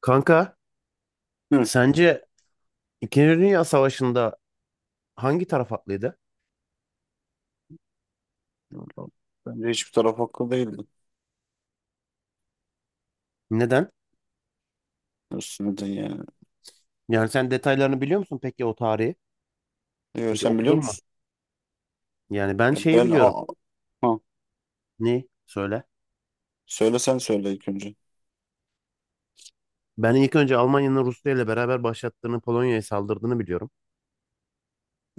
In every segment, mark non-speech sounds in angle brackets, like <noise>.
Kanka, Evet. sence İkinci Dünya Savaşı'nda hangi taraf haklıydı? Vallahi, bence hiçbir taraf haklı değildi. Neden? Üstüne de yani. Yani sen detaylarını biliyor musun peki o tarihi? Yo, Hiç sen biliyor okudun mu? musun? Yani ben Ya şeyi ben a biliyorum. ha. Ne? Söyle. Sen söyle ilk önce. Ben ilk önce Almanya'nın Rusya ile beraber başlattığını, Polonya'ya saldırdığını biliyorum.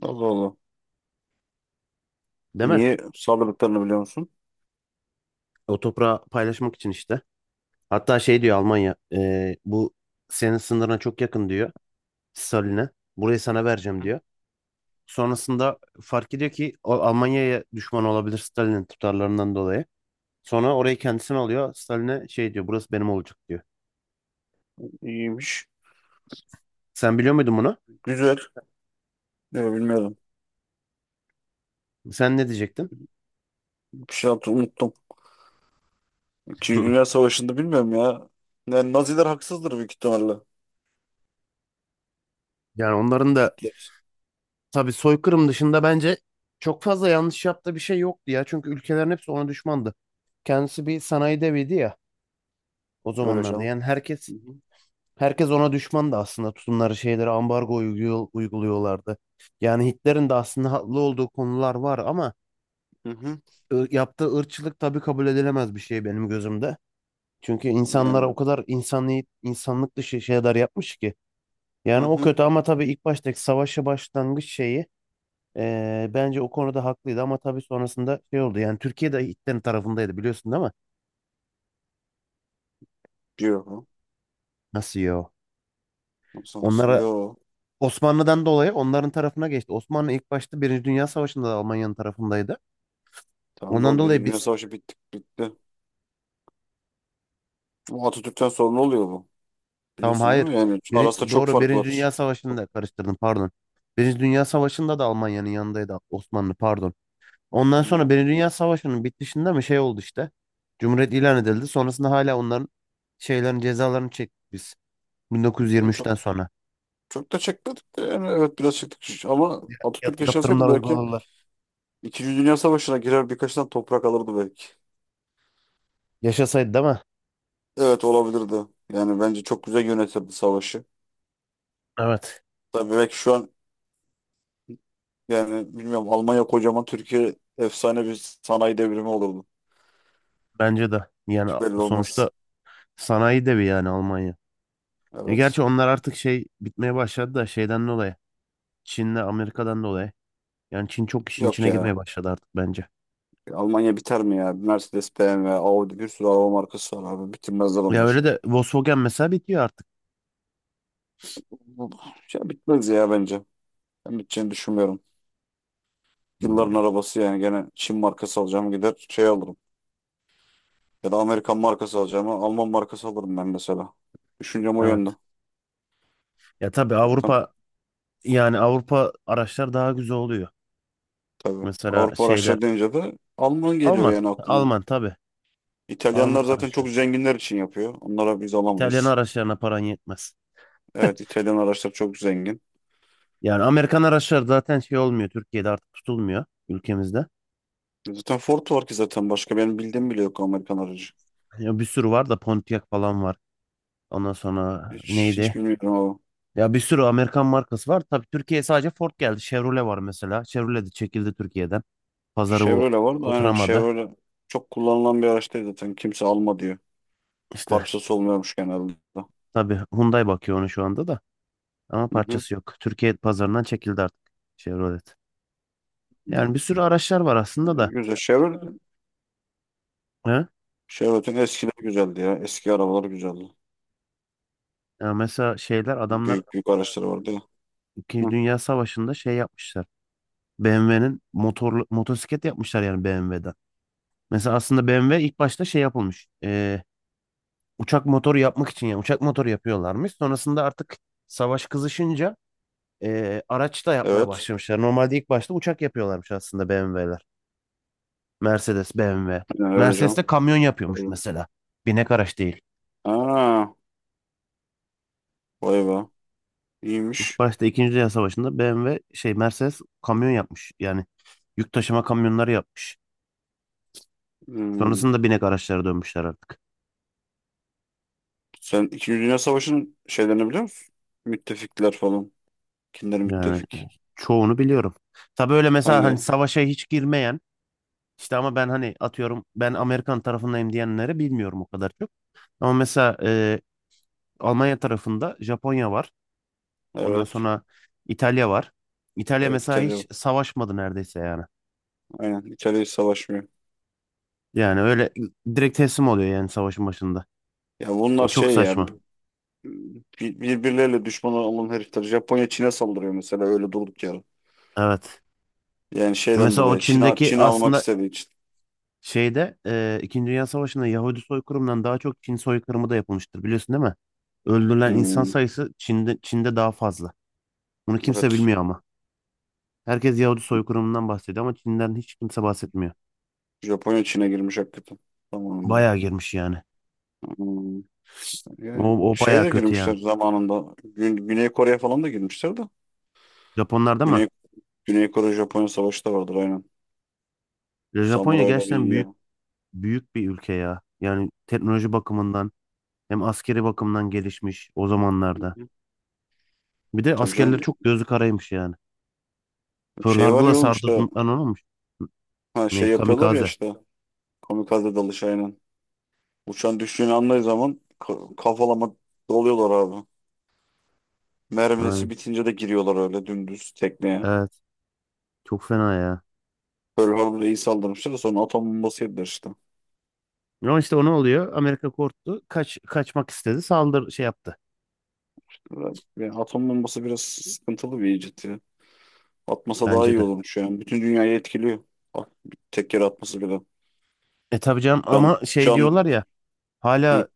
Allah Allah. Değil mi? Niye saldırdıklarını biliyor musun? O toprağı paylaşmak için işte. Hatta şey diyor Almanya, bu senin sınırına çok yakın diyor Stalin'e. Burayı sana vereceğim diyor. Sonrasında fark ediyor ki o Almanya'ya düşman olabilir Stalin'in tutarlarından dolayı. Sonra orayı kendisine alıyor. Stalin'e şey diyor burası benim olacak diyor. İyiymiş. Sen biliyor muydun bunu? Güzel. Ne bilmiyorum. Sen ne diyecektin? <laughs> Bir şey yaptım unuttum. İkinci Dünya Savaşı'nda bilmiyorum ya. Yani Naziler haksızdır büyük ihtimalle. Yani onların da Hitler. tabii soykırım dışında bence çok fazla yanlış yaptığı bir şey yoktu ya. Çünkü ülkelerin hepsi ona düşmandı. Kendisi bir sanayi deviydi ya o Öyle zamanlarda. canım. Yani herkes Hı hı. herkes ona düşmandı aslında. Tutumları şeyleri ambargo uyguluyorlardı. Yani Hitler'in de aslında haklı olduğu konular var ama Hı hı. Yaptığı ırkçılık tabii kabul edilemez bir şey benim gözümde. Çünkü insanlara Yani o kadar insani, insanlık dışı şeyler yapmış ki. hı Yani o hı. kötü ama tabii ilk baştaki savaşa başlangıç şeyi bence o konuda haklıydı ama tabii sonrasında şey oldu. Yani Türkiye de Hitler'in tarafındaydı biliyorsun değil mi? Diyor bu. Nasıl ya? Nasıl nasıl? Onlara Yo. Osmanlı'dan dolayı onların tarafına geçti. Osmanlı ilk başta Birinci Dünya Savaşı'nda da Almanya'nın tarafındaydı. Tamam da Ondan oğlum, Birinci dolayı Dünya biz Savaşı bitti. Bu Atatürk'ten sonra ne oluyor bu? tamam Biliyorsun değil hayır. mi? Yani arasında çok Doğru, fark Birinci var. Dünya Savaşı'nda karıştırdım, pardon. Birinci Dünya Savaşı'nda da Almanya'nın yanındaydı Osmanlı, pardon. Ondan Yani, sonra Birinci Dünya Savaşı'nın bitişinde mi şey oldu işte. Cumhuriyet ilan edildi. Sonrasında hala onların şeylerin cezalarını çektik biz. yani çok 1923'ten sonra. çok da çekmedik de yani evet biraz çektik ama Atatürk yaşasaydı Yaptırımlar belki uyguladılar. İkinci Dünya Savaşı'na girer birkaç tane toprak alırdı belki. Yaşasaydı değil mi? Evet, olabilirdi. Yani bence çok güzel yönetirdi savaşı. Evet. Tabii belki şu an yani bilmiyorum, Almanya kocaman, Türkiye efsane bir sanayi devrimi olurdu. Bence de. Hiç Yani belli sonuçta olmaz. sanayi devi yani Almanya. E gerçi Evet. onlar artık şey bitmeye başladı da şeyden dolayı. Çin'le Amerika'dan dolayı. Yani Çin çok işin Yok içine ya. girmeye başladı artık bence. Almanya biter mi ya? Mercedes, BMW, Audi, bir sürü araba markası var abi. Bitirmezler Ya onlar. öyle de Volkswagen mesela bitiyor artık. Bu- Ya bitmez ya bence. Ben biteceğini düşünmüyorum. Yılların Hmm, arabası yani, gene Çin markası alacağım, gider şey alırım. Ya da Amerikan markası alacağım, Alman markası alırım ben mesela. Düşüncem o yönde. evet. Ya tabii Zaten Avrupa yani Avrupa araçlar daha güzel oluyor. tabii, Mesela Avrupa şeyler araçları deyince de Alman geliyor Alman. yani aklıma. Alman tabii. İtalyanlar Alman zaten çok araçlar. zenginler için yapıyor. Onlara biz İtalyan alamayız. araçlarına paran yetmez. Evet, İtalyan araçlar çok zengin. Yani Amerikan araçlar zaten şey olmuyor. Türkiye'de artık tutulmuyor ülkemizde. Zaten Ford var ki, zaten başka benim bildiğim bile yok Amerikan aracı. Ya bir sürü var da Pontiac falan var. Ondan sonra Hiç, hiç neydi? bilmiyorum ama. Ya bir sürü Amerikan markası var. Tabii Türkiye'ye sadece Ford geldi. Chevrolet var mesela. Chevrolet de çekildi Türkiye'den. Pazarı bu Chevrolet var da, aynen oturamadı. Chevrolet çok kullanılan bir araç değil zaten. Kimse alma diyor. İşte Parçası olmuyormuş genelde. tabii Hyundai bakıyor onu şu anda da. Ama Hı hı. parçası yok. Türkiye pazarından çekildi artık Chevrolet. Yani bir sürü araçlar var aslında da. Güzel. Chevrolet, He? Chevrolet'in eskileri güzeldi ya. Eski arabalar güzeldi. Ya mesela şeyler adamlar Büyük büyük araçları vardı ya. İkinci Hı. Dünya Savaşı'nda şey yapmışlar. BMW'nin motorlu motosiklet yapmışlar yani BMW'den. Mesela aslında BMW ilk başta şey yapılmış. Uçak motoru yapmak için yani uçak motoru yapıyorlarmış. Sonrasında artık savaş kızışınca araç da yapmaya Evet. başlamışlar. Normalde ilk başta uçak yapıyorlarmış aslında BMW'ler. Mercedes, BMW. Yani öyle Mercedes canım. de kamyon yapıyormuş Öyle. mesela. Binek araç değil. Aa, vay be. İyiymiş. Başta İkinci Dünya Savaşı'nda BMW şey Mercedes kamyon yapmış. Yani yük taşıma kamyonları yapmış. Hmm. Sonrasında binek araçlara dönmüşler artık. Sen İkinci Dünya Savaşı'nın şeylerini biliyor musun? Müttefikler falan. Kimler Yani müttefik? çoğunu biliyorum. Tabii öyle mesela hani Hangileri? savaşa hiç girmeyen işte ama ben hani atıyorum ben Amerikan tarafındayım diyenleri bilmiyorum o kadar çok. Ama mesela Almanya tarafında Japonya var. Ondan Evet. sonra İtalya var. İtalya Evet, mesela İtalya. hiç savaşmadı neredeyse yani. Aynen. İtalya hiç savaşmıyor. Yani öyle direkt teslim oluyor yani savaşın başında. Ya bunlar O çok şey ya, saçma. Birbirleriyle düşman olan herifler. Japonya Çin'e saldırıyor mesela öyle durduk yere. Evet. Yani şeyden Mesela o dolayı Çin'e Çin'deki Çin'e almak aslında istediği için. şeyde İkinci Dünya Savaşı'nda Yahudi soykırımından daha çok Çin soykırımı da yapılmıştır biliyorsun değil mi? Öldürülen insan Hmm, sayısı Çin'de, Çin'de daha fazla. Bunu kimse evet. bilmiyor ama. Herkes Yahudi soykırımından bahsediyor ama Çin'den hiç kimse bahsetmiyor. Japonya Çin'e girmiş hakikaten zamanında. Bayağı girmiş yani. Hmm. Yani O şeye bayağı de kötü yani. girmişler zamanında. Güney Kore'ye falan da girmişler de. Japonlarda mı? Güney, Güney Kore Japonya savaşı da vardır aynen. Ya Japonya Samuraylar gerçekten iyi büyük ya. büyük bir ülke ya. Yani teknoloji bakımından hem askeri bakımdan gelişmiş o Hı zamanlarda. hı. Bir de Tabii askerleri canım, çok gözü karaymış yani. Pearl şey var Harbor'la ya oğlum, işte sardırdıklarını olmuş. ha, Ne? şey yapıyorlar ya Kamikaze. işte, kamikaze dalış aynen. Uçan düştüğünü anladığı zaman kafalama doluyorlar abi. Ha. Mermisi bitince de giriyorlar öyle dümdüz tekneye. Evet, çok fena ya. Pearl Harbor'a iyi saldırmışlar. Sonra atom bombası yediler işte. Ama işte o ne oluyor? Amerika korktu. Kaçmak istedi. Saldır şey yaptı Ve atom bombası biraz sıkıntılı bir icat ya. Atmasa daha bence iyi de. olurmuş yani. Bütün dünyayı etkiliyor. Bak, bir tek yere atması bile. E tabii canım Can, ama şey can diyorlar ya Hı, hala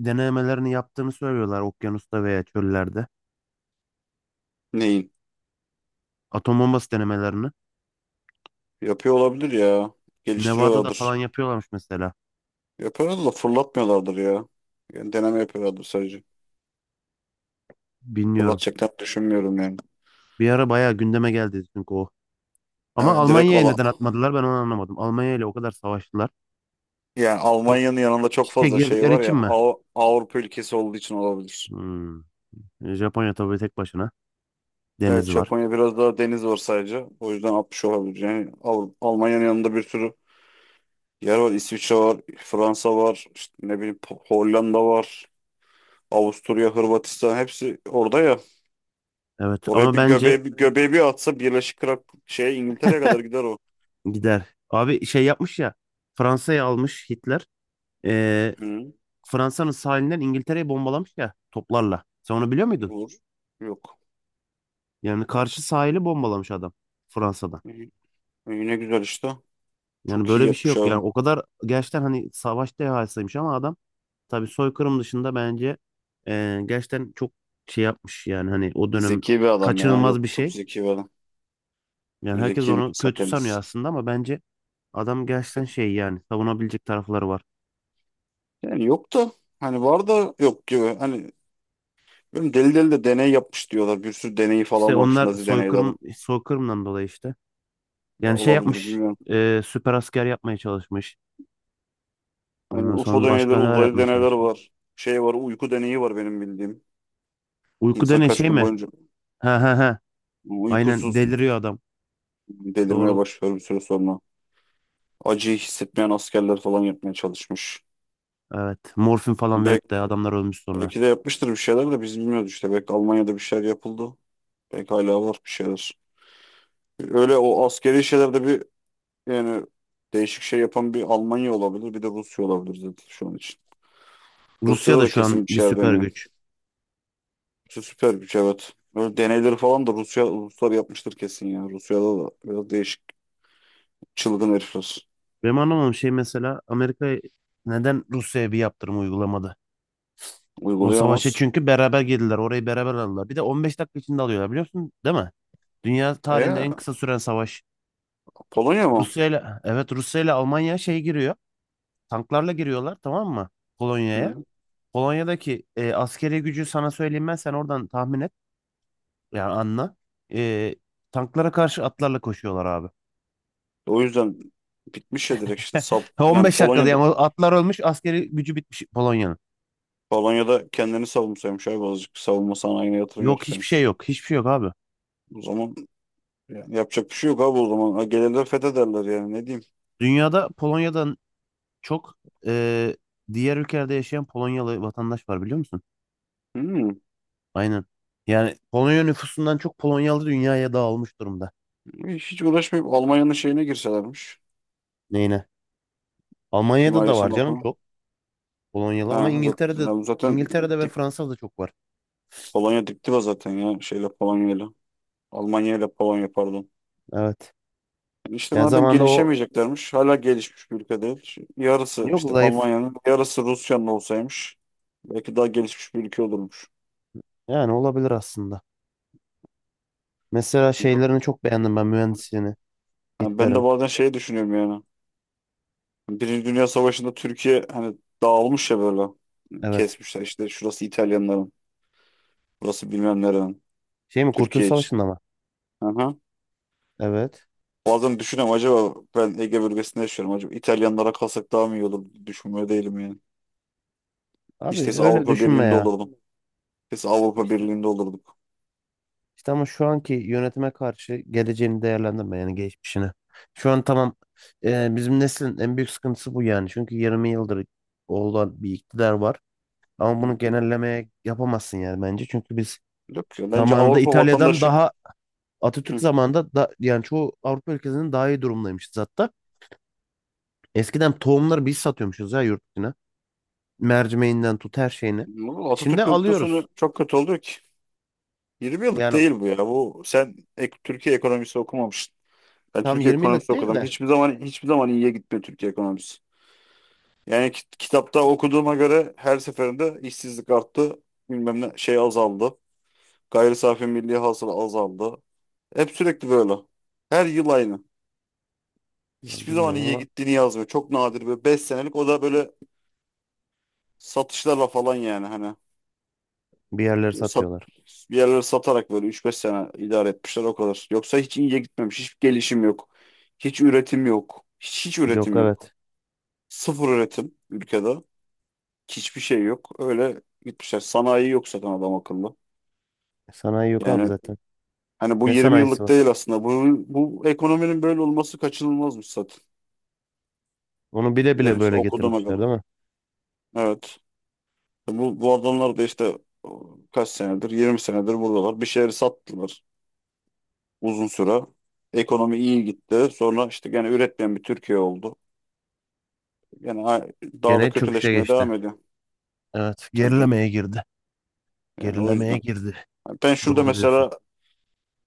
denemelerini yaptığını söylüyorlar okyanusta veya çöllerde. neyin? Atom bombası denemelerini. Yapıyor olabilir ya. Nevada'da falan Geliştiriyorlardır. yapıyorlarmış mesela. Yapıyorlar da fırlatmıyorlardır ya. Yani deneme yapıyorlardır sadece. Bilmiyorum. Fırlatacaklarını düşünmüyorum yani. Bir ara bayağı gündeme geldi çünkü o. Ama Evet, Almanya'ya neden atmadılar ben onu anlamadım. Almanya ile o kadar savaştılar. yani Çok Almanya'nın yanında iç çok içe fazla şey girdikleri var için ya, mi? Avrupa ülkesi olduğu için olabilir. Hmm. Japonya tabii tek başına Evet, denizi var. Japonya biraz daha deniz var sadece. O yüzden 60 olabilir. Yani Almanya'nın yanında bir sürü yer var. İsviçre var, Fransa var, işte ne bileyim, Hollanda var, Avusturya, Hırvatistan, hepsi orada ya. Evet Oraya ama bir bence göbeği bir göbeği bir atsa, Birleşik şeye, İngiltere'ye kadar gider o. gider. Abi şey yapmış ya. Fransa'yı almış Hitler. Ee, Hı, Fransa'nın sahilinden İngiltere'yi bombalamış ya toplarla. Sen onu biliyor muydun? olur. Yok. Yani karşı sahili bombalamış adam Fransa'da. İyi. İyi, ne güzel işte. Yani Çok iyi böyle bir şey yapmış yok. Yani abi. o kadar gerçekten hani savaş dehasıymış ama adam tabii soykırım dışında bence gerçekten çok şey yapmış. Yani hani o dönem Zeki bir adam ya. kaçınılmaz Yok, bir çok şey. zeki bir adam. Yani Bu herkes zeki bir onu insan kötü sanıyor kendisi. aslında ama bence adam gerçekten şey yani savunabilecek tarafları var. Yani yok da, hani var da yok gibi. Hani bilmiyorum, deli deli de deney yapmış diyorlar. Bir sürü deneyi İşte falan varmış, onlar Nazi deneyleri. soykırımdan dolayı işte. Ya Yani şey olabilir, yapmış. bilmiyorum. Süper asker yapmaya çalışmış. Aynen Ondan UFO sonra deneyleri, başka neler uzaylı yapmaya deneyler çalışmış. var. Şey var, uyku deneyi var benim bildiğim. Uyku İnsan denen kaç şey gün mi? boyunca Ha ha ha. Aynen uykusuz deliriyor adam. delirmeye Doğru. başlıyor bir süre sonra. Acıyı hissetmeyen askerler falan yapmaya çalışmış. Evet. Morfin falan verip de Belki, adamlar ölmüş sonra. belki de yapmıştır bir şeyler de biz bilmiyoruz işte. Belki Almanya'da bir şeyler yapıldı. Belki hala var bir şeyler. Öyle o askeri şeylerde bir yani değişik şey yapan bir Almanya olabilir, bir de Rusya olabilir zaten şu an için. Rusya Rusya'da da da şu an kesin bir bir şeyler süper dönüyor. güç. Rusya süper güç, evet. Böyle deneyleri falan da Rusya, Ruslar yapmıştır kesin ya. Rusya'da da biraz değişik çılgın herifler. Benim anlamadığım şey mesela Amerika neden Rusya'ya bir yaptırım uygulamadı? O savaşa Uygulayamaz. çünkü beraber girdiler. Orayı beraber aldılar. Bir de 15 dakika içinde alıyorlar biliyor musun? Değil mi? Dünya tarihinde E en kısa süren savaş. Polonya mı? Rusya ile evet Rusya ile Almanya şey giriyor. Tanklarla giriyorlar, tamam mı? Polonya'ya. Hı. Polonya'daki askeri gücü sana söyleyeyim, ben sen oradan tahmin et. Yani anla. E, tanklara karşı atlarla koşuyorlar abi. O yüzden bitmiş ya direkt işte sap <laughs> yani 15 dakikada Polonya'da yani o atlar ölmüş askeri gücü bitmiş Polonya'nın. Polonya'da kendini savunsaymış abi, azıcık savunma sanayine yatırım Yok hiçbir şey yapsaymış. yok. Hiçbir şey yok abi. O zaman yani yapacak bir şey yok abi o zaman. Ha, gelirler fethederler yani, ne diyeyim. Dünyada Polonya'dan çok e, diğer ülkelerde yaşayan Polonyalı vatandaş var biliyor musun? Hmm. Aynen. Yani Polonya nüfusundan çok Polonyalı dünyaya dağılmış durumda. Hiç uğraşmayıp Almanya'nın şeyine girselermiş. Neyine? Almanya'da da var Himayesine canım bakalım. çok. Polonyalı ama Ha, İngiltere'de zaten İngiltere'de ve Fransa'da çok var. Polonya diptiva zaten ya, şeyle Polonya'yla. Almanya ile Polonya pardon. Evet. Yani işte Yani madem zamanda o gelişemeyeceklermiş, hala gelişmiş bir ülke değil. Şu yarısı yok işte zayıf. Almanya'nın, yarısı Rusya'nın olsaymış. Belki daha gelişmiş bir ülke olurmuş. Yani olabilir aslında. Mesela şeylerini çok beğendim ben mühendisliğini. Yani ben de Hitler'in. bazen şey düşünüyorum yani. Birinci Dünya Savaşı'nda Türkiye hani dağılmış ya böyle. Evet. Kesmişler işte, şurası İtalyanların, burası bilmem nerenin. Şey mi Kurtuluş Türkiye için. Savaşı'nda mı? Aha. Evet. Bazen düşünüyorum, acaba ben Ege bölgesinde yaşıyorum, acaba İtalyanlara kalsak daha mı iyi olur? Düşünmüyor değilim yani. İşte Abi öyle Avrupa düşünme Birliği'nde ya. olurdum. Biz Avrupa İşte, Birliği'nde olurduk. işte ama şu anki yönetime karşı geleceğini değerlendirme yani geçmişini. Şu an tamam bizim neslin en büyük sıkıntısı bu yani. Çünkü 20 yıldır olan bir iktidar var. Ama Hı bunu hı. genellemeye yapamazsın yani bence. Çünkü biz Yok ya, bence zamanında Avrupa İtalya'dan vatandaşı. daha Atatürk Hı. zamanında da, yani çoğu Avrupa ülkesinin daha iyi durumdaymışız hatta. Eskiden tohumları biz satıyormuşuz ya yurt dışına. Mercimeğinden tut her şeyini. Bu Şimdi Atatürk alıyoruz. öldükten çok kötü oluyor ki. 20 yıllık Yani değil bu ya. Bu sen Türkiye ekonomisi okumamışsın. Ben tam Türkiye 20 yıllık ekonomisi değil okudum. de Hiçbir zaman, hiçbir zaman iyiye gitmiyor Türkiye ekonomisi. Yani kitapta okuduğuma göre her seferinde işsizlik arttı. Bilmem ne şey azaldı. Gayri safi milli hasıla azaldı. Hep sürekli böyle. Her yıl aynı. ya Hiçbir zaman bilmiyorum iyiye ama gittiğini yazmıyor. Çok nadir böyle 5 senelik, o da böyle satışlarla falan yani hani bir yerleri sat, satıyorlar. bir yerlere satarak böyle üç beş sene idare etmişler, o kadar. Yoksa hiç iyiye gitmemiş. Hiç gelişim yok. Hiç üretim yok. Hiç, hiç Yok üretim yok. evet. Sıfır üretim ülkede. Hiçbir şey yok. Öyle gitmişler. Sanayi yok zaten adam akıllı. Sanayi yok abi Yani zaten. hani bu Ne 20 sanayisi yıllık var? değil aslında. Bu ekonominin böyle olması kaçınılmazmış zaten. Onu bile bile Benim böyle okuduğuma getirmişler göre. değil mi? Evet. Bu adamlar da işte o, kaç senedir? 20 senedir buradalar. Bir şeyleri sattılar uzun süre. Ekonomi iyi gitti. Sonra işte gene üretmeyen bir Türkiye oldu. Yani a- daha da Gene çöküşe kötüleşmeye geçti. devam ediyor. Evet. Tabii canım. Gerilemeye girdi. Yani o Gerilemeye yüzden. girdi. Yani ben şurada Doğru diyorsun. mesela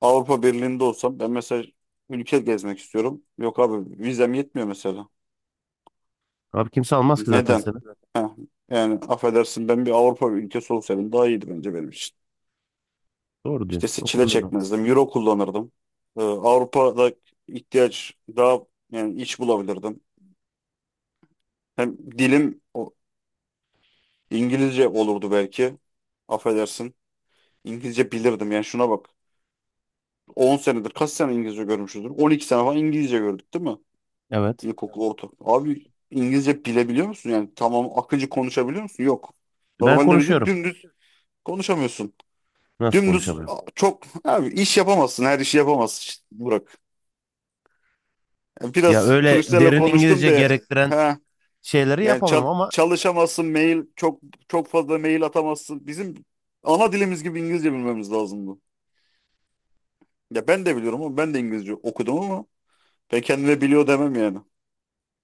Avrupa Birliği'nde olsam ben mesela ülke gezmek istiyorum. Yok abi, vizem yetmiyor mesela. Abi kimse almaz ki zaten Neden? seni. Heh, yani affedersin ben bir Avrupa ülkesi olsaydım daha iyiydi bence benim için. Doğru diyorsun. İşte O çile konuda da haklısın. çekmezdim. Euro kullanırdım. Avrupa'da ihtiyaç daha yani iç bulabilirdim. Hem dilim İngilizce olurdu belki. Affedersin. İngilizce bilirdim. Yani şuna bak. 10 senedir kaç sene İngilizce görmüşüzdür? 12 sene falan İngilizce gördük değil mi? Evet. İlkokul, orta. Abi İngilizce bilebiliyor musun? Yani tamam, akıcı konuşabiliyor musun? Yok. Ben Normalde bir de konuşuyorum. dümdüz konuşamıyorsun. Nasıl Dümdüz konuşamıyorum? a, çok abi iş yapamazsın. Her işi yapamazsın. İşte, Burak. Yani Ya biraz öyle turistlerle derin konuştum İngilizce diye gerektiren ha, şeyleri yani yapamam ama çalışamazsın, mail çok, çok fazla mail atamazsın. Bizim ana dilimiz gibi İngilizce bilmemiz lazım. Ya ben de biliyorum, ama ben de İngilizce okudum ama ben kendime biliyor demem yani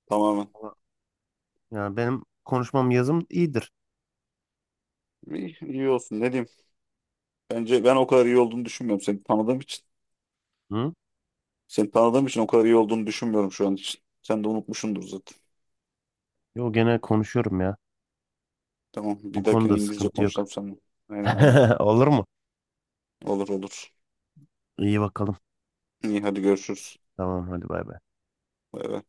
tamamen. yani benim konuşmam yazım iyidir. İyi, iyi olsun, ne diyeyim. Bence ben o kadar iyi olduğunu düşünmüyorum seni tanıdığım için. Hı? Seni tanıdığım için o kadar iyi olduğunu düşünmüyorum şu an için. Sen de unutmuşsundur zaten. Yo gene konuşuyorum ya. Tamam, O bir dahakine konuda İngilizce sıkıntı yok. konuşalım seninle. Aynen, aynen. <laughs> Olur mu? Olur, olur. İyi bakalım. İyi, hadi görüşürüz. Tamam hadi bay bay. Bay bay.